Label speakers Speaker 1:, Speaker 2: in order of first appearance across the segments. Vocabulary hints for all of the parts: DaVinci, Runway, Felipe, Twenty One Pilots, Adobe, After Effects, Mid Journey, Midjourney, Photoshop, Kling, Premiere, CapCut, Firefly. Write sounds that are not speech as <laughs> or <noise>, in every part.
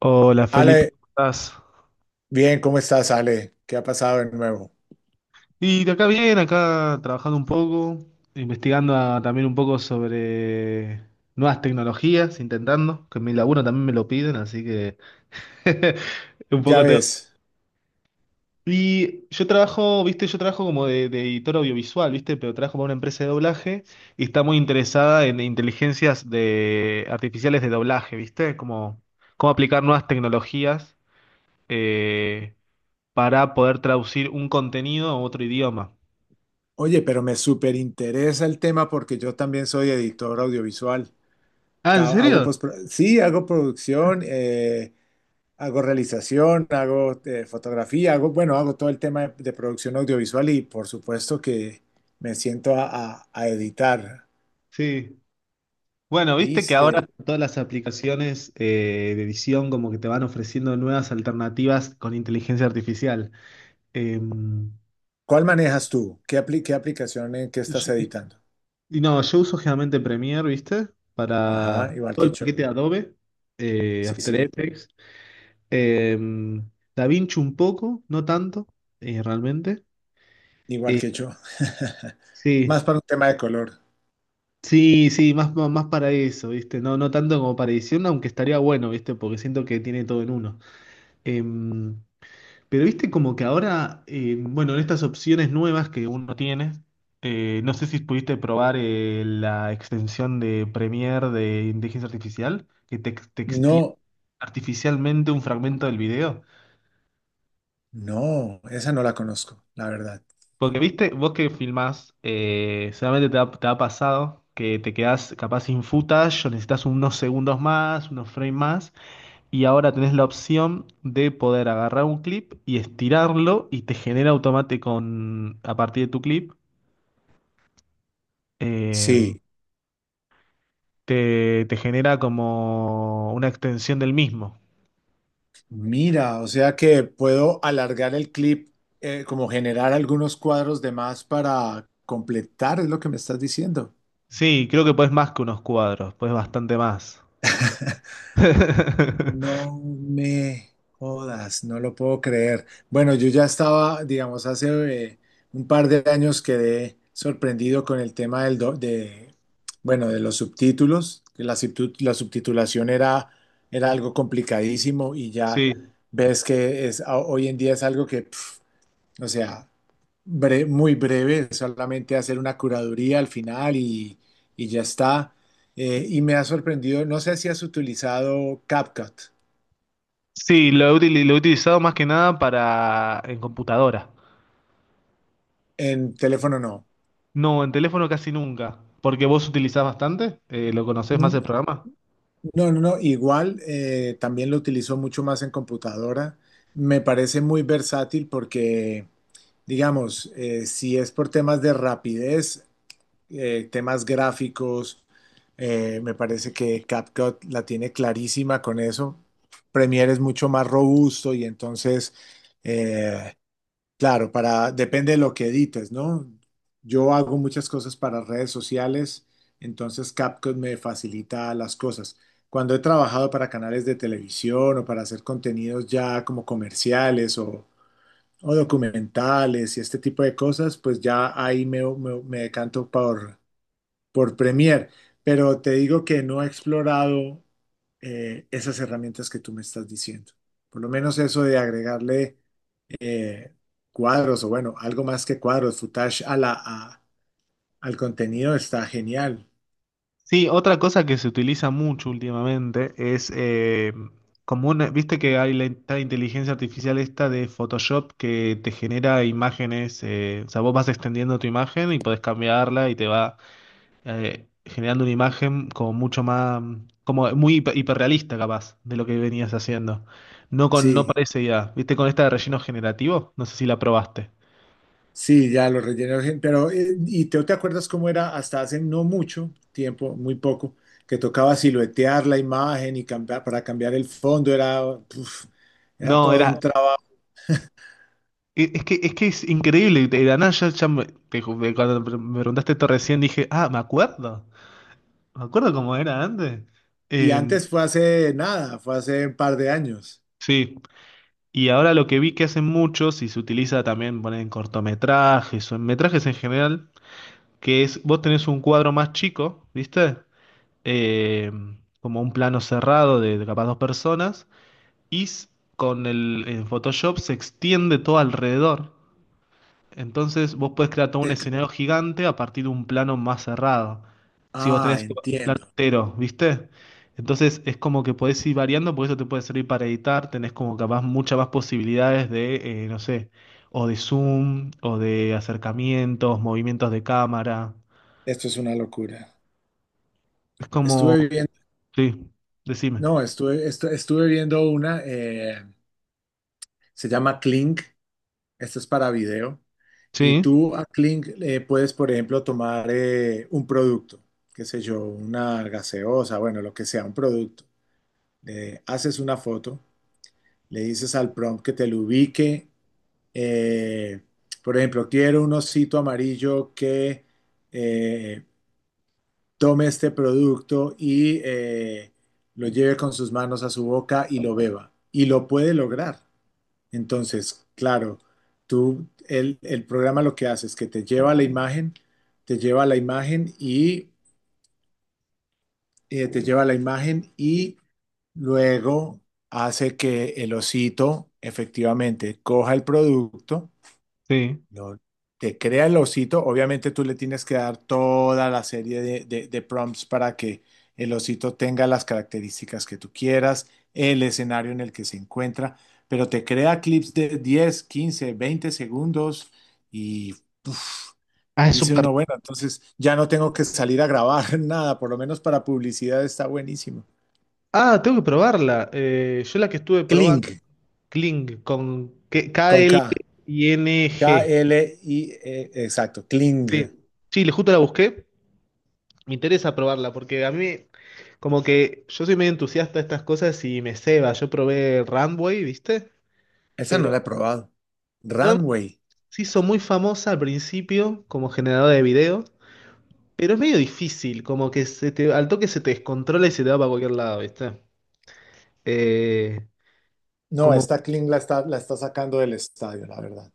Speaker 1: Hola Felipe,
Speaker 2: Ale,
Speaker 1: ¿cómo estás?
Speaker 2: bien, ¿cómo estás, Ale? ¿Qué ha pasado de nuevo?
Speaker 1: Y de acá bien, acá trabajando un poco, investigando también un poco sobre nuevas tecnologías, intentando, que en mi laburo también me lo piden, así que <laughs> un
Speaker 2: Ya
Speaker 1: poco tengo.
Speaker 2: ves.
Speaker 1: Y yo trabajo, viste, yo trabajo como de editor audiovisual, viste, pero trabajo para una empresa de doblaje y está muy interesada en inteligencias de artificiales de doblaje, viste, como cómo aplicar nuevas tecnologías eh, para poder traducir un contenido a otro idioma.
Speaker 2: Oye, pero me súper interesa el tema porque yo también soy editor audiovisual.
Speaker 1: Ah, ¿en
Speaker 2: Hago
Speaker 1: serio?
Speaker 2: sí, hago producción, hago realización, hago fotografía, hago, bueno, hago todo el tema de producción audiovisual y por supuesto que me siento a, a editar.
Speaker 1: Sí. Bueno, viste que
Speaker 2: ¿Viste?
Speaker 1: ahora todas las aplicaciones de edición como que te van ofreciendo nuevas alternativas con inteligencia artificial. Eh,
Speaker 2: ¿Cuál manejas tú? ¿ qué aplicación en qué
Speaker 1: y,
Speaker 2: estás
Speaker 1: yo-
Speaker 2: editando?
Speaker 1: no, yo uso generalmente Premiere, ¿viste?
Speaker 2: Ajá,
Speaker 1: Para
Speaker 2: igual
Speaker 1: todo
Speaker 2: que
Speaker 1: el
Speaker 2: yo.
Speaker 1: paquete de Adobe,
Speaker 2: Sí,
Speaker 1: After
Speaker 2: sí.
Speaker 1: Effects, eh, DaVinci un poco, no tanto, realmente.
Speaker 2: Igual
Speaker 1: Eh,
Speaker 2: que yo. <laughs> Más
Speaker 1: sí.
Speaker 2: para un tema de color.
Speaker 1: Sí, sí, más, más para eso, ¿viste? No, no tanto como para edición, aunque estaría bueno, ¿viste? Porque siento que tiene todo en uno. Em, Pero viste como que ahora, bueno, en estas opciones nuevas que uno tiene, no sé si pudiste probar la extensión de Premiere de inteligencia artificial, que te extiende
Speaker 2: No,
Speaker 1: artificialmente un fragmento del video.
Speaker 2: no, esa no la conozco, la verdad.
Speaker 1: Porque viste, vos que filmás, seguramente te ha pasado que te quedás capaz sin footage o necesitas unos segundos más, unos frames más, y ahora tenés la opción de poder agarrar un clip y estirarlo y te genera automático a partir de tu clip eh,
Speaker 2: Sí,
Speaker 1: te genera como una extensión del mismo.
Speaker 2: mira, o sea que puedo alargar el clip, como generar algunos cuadros de más para completar, es lo que me estás diciendo.
Speaker 1: Sí, creo que puedes más que unos cuadros, puedes bastante más.
Speaker 2: <laughs>
Speaker 1: <laughs>
Speaker 2: No me jodas, no lo puedo creer. Bueno, yo ya estaba, digamos, hace eh, un par de años quedé sorprendido con el tema bueno, de los subtítulos, que la subtitulación era algo complicadísimo y ya
Speaker 1: Sí,
Speaker 2: ves que hoy en día es algo que, pf, o sea, muy breve, solamente hacer una curaduría al final y ya está. Y me ha sorprendido, no sé si has utilizado CapCut.
Speaker 1: sí, lo he utilizado más que nada para en computadora.
Speaker 2: En teléfono no.
Speaker 1: No, en teléfono casi nunca. Porque vos utilizás bastante. ¿Lo conocés más
Speaker 2: Mm,
Speaker 1: el programa?
Speaker 2: no, no, no. Igual también lo utilizo mucho más en computadora. Me parece muy versátil porque, digamos, si es por temas de rapidez, temas gráficos, me parece que CapCut la tiene clarísima con eso. Premiere es mucho más robusto y eh, claro, para, depende de lo que edites, ¿no? Yo hago muchas cosas para redes sociales, entonces CapCut me facilita las cosas. Cuando he trabajado para canales de televisión o para hacer contenidos ya como o documentales y este tipo de cosas, pues ya ahí me decanto por Premiere. Pero te digo que no he explorado esas herramientas que tú me estás diciendo. Por lo menos eso de agregarle eh, cuadros o bueno, algo más que cuadros, footage a al contenido está genial.
Speaker 1: Sí, otra cosa que se utiliza mucho últimamente es viste que hay la, esta inteligencia artificial esta de Photoshop que te genera imágenes, o sea, vos vas extendiendo tu imagen y podés cambiarla y te va generando una imagen como mucho más, como muy hiperrealista capaz de lo que venías haciendo. No con, no
Speaker 2: Sí,
Speaker 1: parece ya, viste con esta de relleno generativo, no sé si la probaste.
Speaker 2: sí, ya lo rellené, pero ¿y te acuerdas cómo era hasta hace no mucho tiempo, muy poco, que tocaba siluetear la imagen y cambiar, para cambiar el fondo era, uf, era
Speaker 1: No,
Speaker 2: todo un
Speaker 1: era,
Speaker 2: trabajo.
Speaker 1: Es que es increíble, de la nada cuando me preguntaste esto recién dije, ah, me acuerdo cómo era antes.
Speaker 2: Y
Speaker 1: Eh,
Speaker 2: antes fue hace nada, fue hace un par de años.
Speaker 1: sí, y ahora lo que vi que hacen muchos y se utiliza también ponen en cortometrajes o en metrajes en general, que es, vos tenés un cuadro más chico, ¿viste? Eh, como un plano cerrado de capaz dos personas, y s- con el en Photoshop se extiende todo alrededor. Entonces vos podés crear todo un
Speaker 2: Te-
Speaker 1: escenario gigante a partir de un plano más cerrado. Si vos
Speaker 2: ah,
Speaker 1: tenés un plano
Speaker 2: entiendo.
Speaker 1: entero, ¿viste? Entonces es como que podés ir variando, porque eso te puede servir para editar, tenés como capaz muchas más posibilidades de, no sé, o de zoom, o de acercamientos, movimientos de cámara.
Speaker 2: Esto es una locura.
Speaker 1: Es como,
Speaker 2: Estuve viendo,
Speaker 1: sí, decime.
Speaker 2: no, estuve viendo una. Se llama Kling. Esto es para video. Y
Speaker 1: Sí,
Speaker 2: tú a Kling puedes, por ejemplo, tomar un producto, qué sé yo, una gaseosa, bueno, lo que sea, un producto. Le haces una foto, le dices al prompt que te lo ubique. eh, por ejemplo, quiero un osito amarillo que eh, tome este producto y lo lleve con sus manos a su boca y lo beba. Y lo puede lograr. Entonces, claro, el programa lo que hace es que te lleva a la imagen, te lleva a la imagen y eh, te lleva a la imagen y luego hace que el osito efectivamente coja el producto
Speaker 1: sí.
Speaker 2: no, te crea el osito. Obviamente tú le tienes que dar toda la serie de prompts para que el osito tenga las características que tú quieras, el escenario en el que se encuentra, pero te crea clips de 10, 15, 20 segundos y uf,
Speaker 1: Ah, es
Speaker 2: dice
Speaker 1: súper.
Speaker 2: uno, bueno, entonces ya no tengo que salir a grabar <laughs> nada, por lo menos para publicidad está buenísimo.
Speaker 1: Ah, tengo que probarla. Yo la que estuve probando,
Speaker 2: Kling,
Speaker 1: Kling, con
Speaker 2: con K,
Speaker 1: K-L-I-N-G.
Speaker 2: K-L-I, -E, exacto, Kling.
Speaker 1: Sí, sí, justo la busqué. Me interesa probarla porque a mí, como que yo soy medio entusiasta de estas cosas y me ceba. Yo probé Runway, ¿viste?
Speaker 2: Esa no la
Speaker 1: Pero
Speaker 2: he probado.
Speaker 1: Runway
Speaker 2: Runway.
Speaker 1: se hizo muy famosa al principio como generadora de video, pero es medio difícil, como que se te, al toque se te descontrola y se te va para cualquier lado, ¿viste? Eh,
Speaker 2: No,
Speaker 1: como,
Speaker 2: esta Kling la está sacando del estadio, la verdad.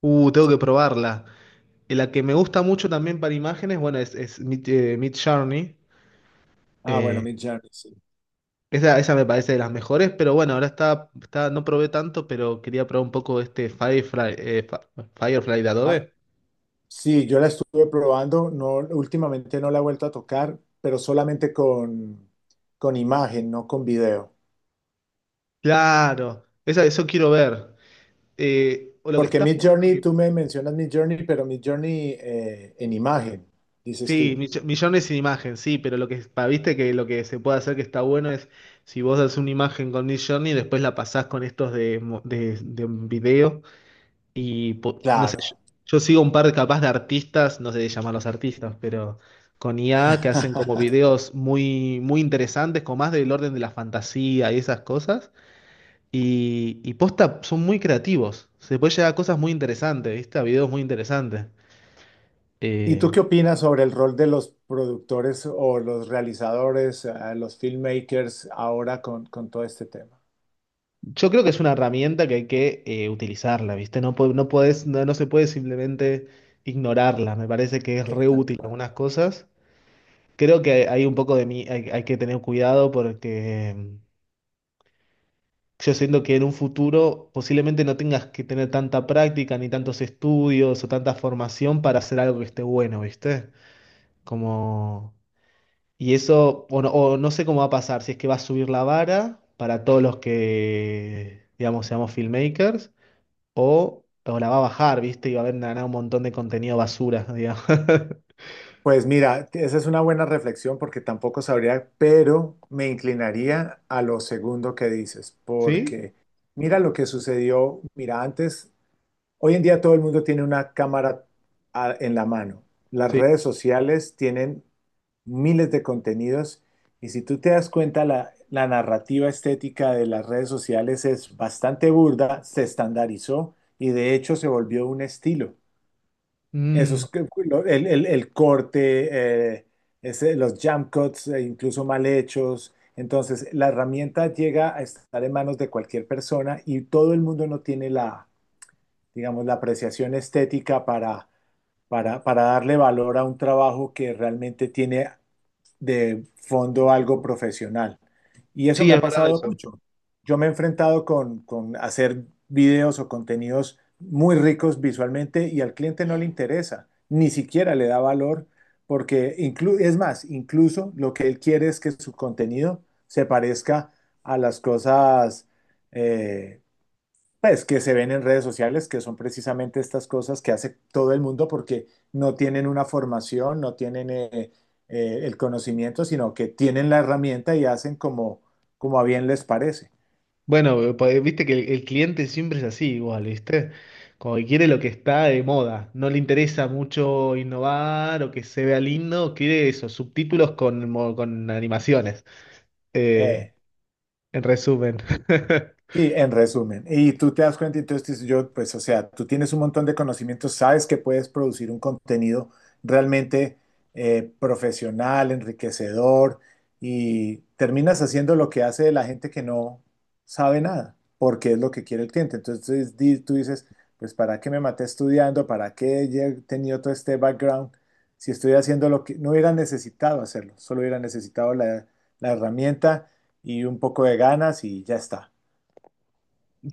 Speaker 1: tengo que probarla. Y la que me gusta mucho también para imágenes, bueno, es Mid, Journey.
Speaker 2: Ah, bueno, Mid Journey, sí.
Speaker 1: Esa me parece de las mejores, pero bueno, ahora está, está, no probé tanto, pero quería probar un poco este Firefly, Firefly de
Speaker 2: Ah,
Speaker 1: Adobe.
Speaker 2: sí, yo la estuve probando, no, últimamente no la he vuelto a tocar, pero solamente con imagen, no con video.
Speaker 1: Claro, esa, eso quiero ver. O lo que
Speaker 2: Porque
Speaker 1: está
Speaker 2: Mid
Speaker 1: bueno
Speaker 2: Journey,
Speaker 1: que.
Speaker 2: tú me mencionas Mid Journey, pero Mid Journey en imagen, dices
Speaker 1: Sí,
Speaker 2: tú.
Speaker 1: millones sin imagen, sí, pero lo que viste que lo que se puede hacer que está bueno es si vos haces una imagen con Midjourney y después la pasás con estos de un video. Y no sé,
Speaker 2: Claro.
Speaker 1: yo sigo un par capaz de artistas, no sé de llamarlos artistas, pero con IA que hacen como
Speaker 2: <laughs>
Speaker 1: videos muy, muy interesantes, con más del orden de la fantasía y esas cosas. Y posta, son muy creativos. Se puede llegar a cosas muy interesantes, ¿viste? A videos muy interesantes.
Speaker 2: ¿Y
Speaker 1: Eh,
Speaker 2: tú qué opinas sobre el rol de los productores o los realizadores, los filmmakers ahora con todo este tema?
Speaker 1: yo creo que es una herramienta que hay que utilizarla, ¿viste? No, no se puede simplemente ignorarla. Me parece que es
Speaker 2: Sí,
Speaker 1: re
Speaker 2: tal
Speaker 1: útil en
Speaker 2: cual.
Speaker 1: algunas cosas. Creo que hay un poco de mí, hay que tener cuidado porque yo siento que en un futuro posiblemente no tengas que tener tanta práctica, ni tantos estudios o tanta formación para hacer algo que esté bueno, ¿viste? Como... Y eso, o no sé cómo va a pasar, si es que va a subir la vara para todos los que, digamos, seamos filmmakers, o la va a bajar, ¿viste? Y va a haber nada, un montón de contenido basura, digamos. <laughs>
Speaker 2: Pues mira, esa es una buena reflexión porque tampoco sabría, pero me inclinaría a lo segundo que dices,
Speaker 1: ¿Sí?
Speaker 2: porque mira lo que sucedió, mira, antes. Hoy en día todo el mundo tiene una cámara en la mano. Las
Speaker 1: Sí.
Speaker 2: redes sociales tienen miles de contenidos y si tú te das cuenta, la narrativa estética de las redes sociales es bastante burda, se estandarizó y de hecho se volvió un estilo. Eso es
Speaker 1: Mm,
Speaker 2: el corte, eh, los jump cuts, incluso mal hechos. Entonces, la herramienta llega a estar en manos de cualquier persona y todo el mundo no tiene la, digamos, la apreciación estética para darle valor a un trabajo que realmente tiene de fondo algo profesional. Y eso
Speaker 1: sí,
Speaker 2: me
Speaker 1: es
Speaker 2: ha
Speaker 1: verdad
Speaker 2: pasado
Speaker 1: eso.
Speaker 2: mucho. Yo me he enfrentado con hacer videos o contenidos muy ricos visualmente y al cliente no le interesa, ni siquiera le da valor, porque es más, incluso lo que él quiere es que su contenido se parezca a las cosas eh, pues que se ven en redes sociales, que son precisamente estas cosas que hace todo el mundo porque no tienen una formación, no tienen el conocimiento, sino que tienen la herramienta y hacen como, como a bien les parece.
Speaker 1: Bueno, pues, viste que el cliente siempre es así, igual, ¿viste? Como que quiere lo que está de moda. No le interesa mucho innovar o que se vea lindo, quiere esos subtítulos con, con animaciones. Eh,
Speaker 2: Eh,
Speaker 1: en resumen, <laughs>
Speaker 2: Sí, en resumen. Y tú te das cuenta, entonces dices yo, pues, o sea, tú tienes un montón de conocimientos, sabes que puedes producir un contenido realmente profesional, enriquecedor, y terminas haciendo lo que hace la gente que no sabe nada, porque es lo que quiere el cliente. Entonces tú dices, pues, ¿para qué me maté estudiando? ¿Para qué he tenido todo este background? Si estoy haciendo lo que no hubiera necesitado hacerlo, solo hubiera necesitado la herramienta y un poco de ganas y ya está.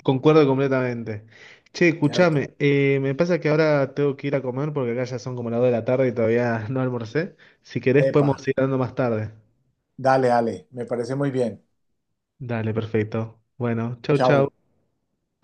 Speaker 1: concuerdo completamente. Che,
Speaker 2: Cierto.
Speaker 1: escuchame, me pasa que ahora tengo que ir a comer porque acá ya son como las 2 de la tarde y todavía <laughs> no almorcé. Si querés,
Speaker 2: Epa.
Speaker 1: podemos ir dando más tarde.
Speaker 2: Dale, dale. Me parece muy bien.
Speaker 1: Dale, perfecto. Bueno, chau, chau.
Speaker 2: Chao.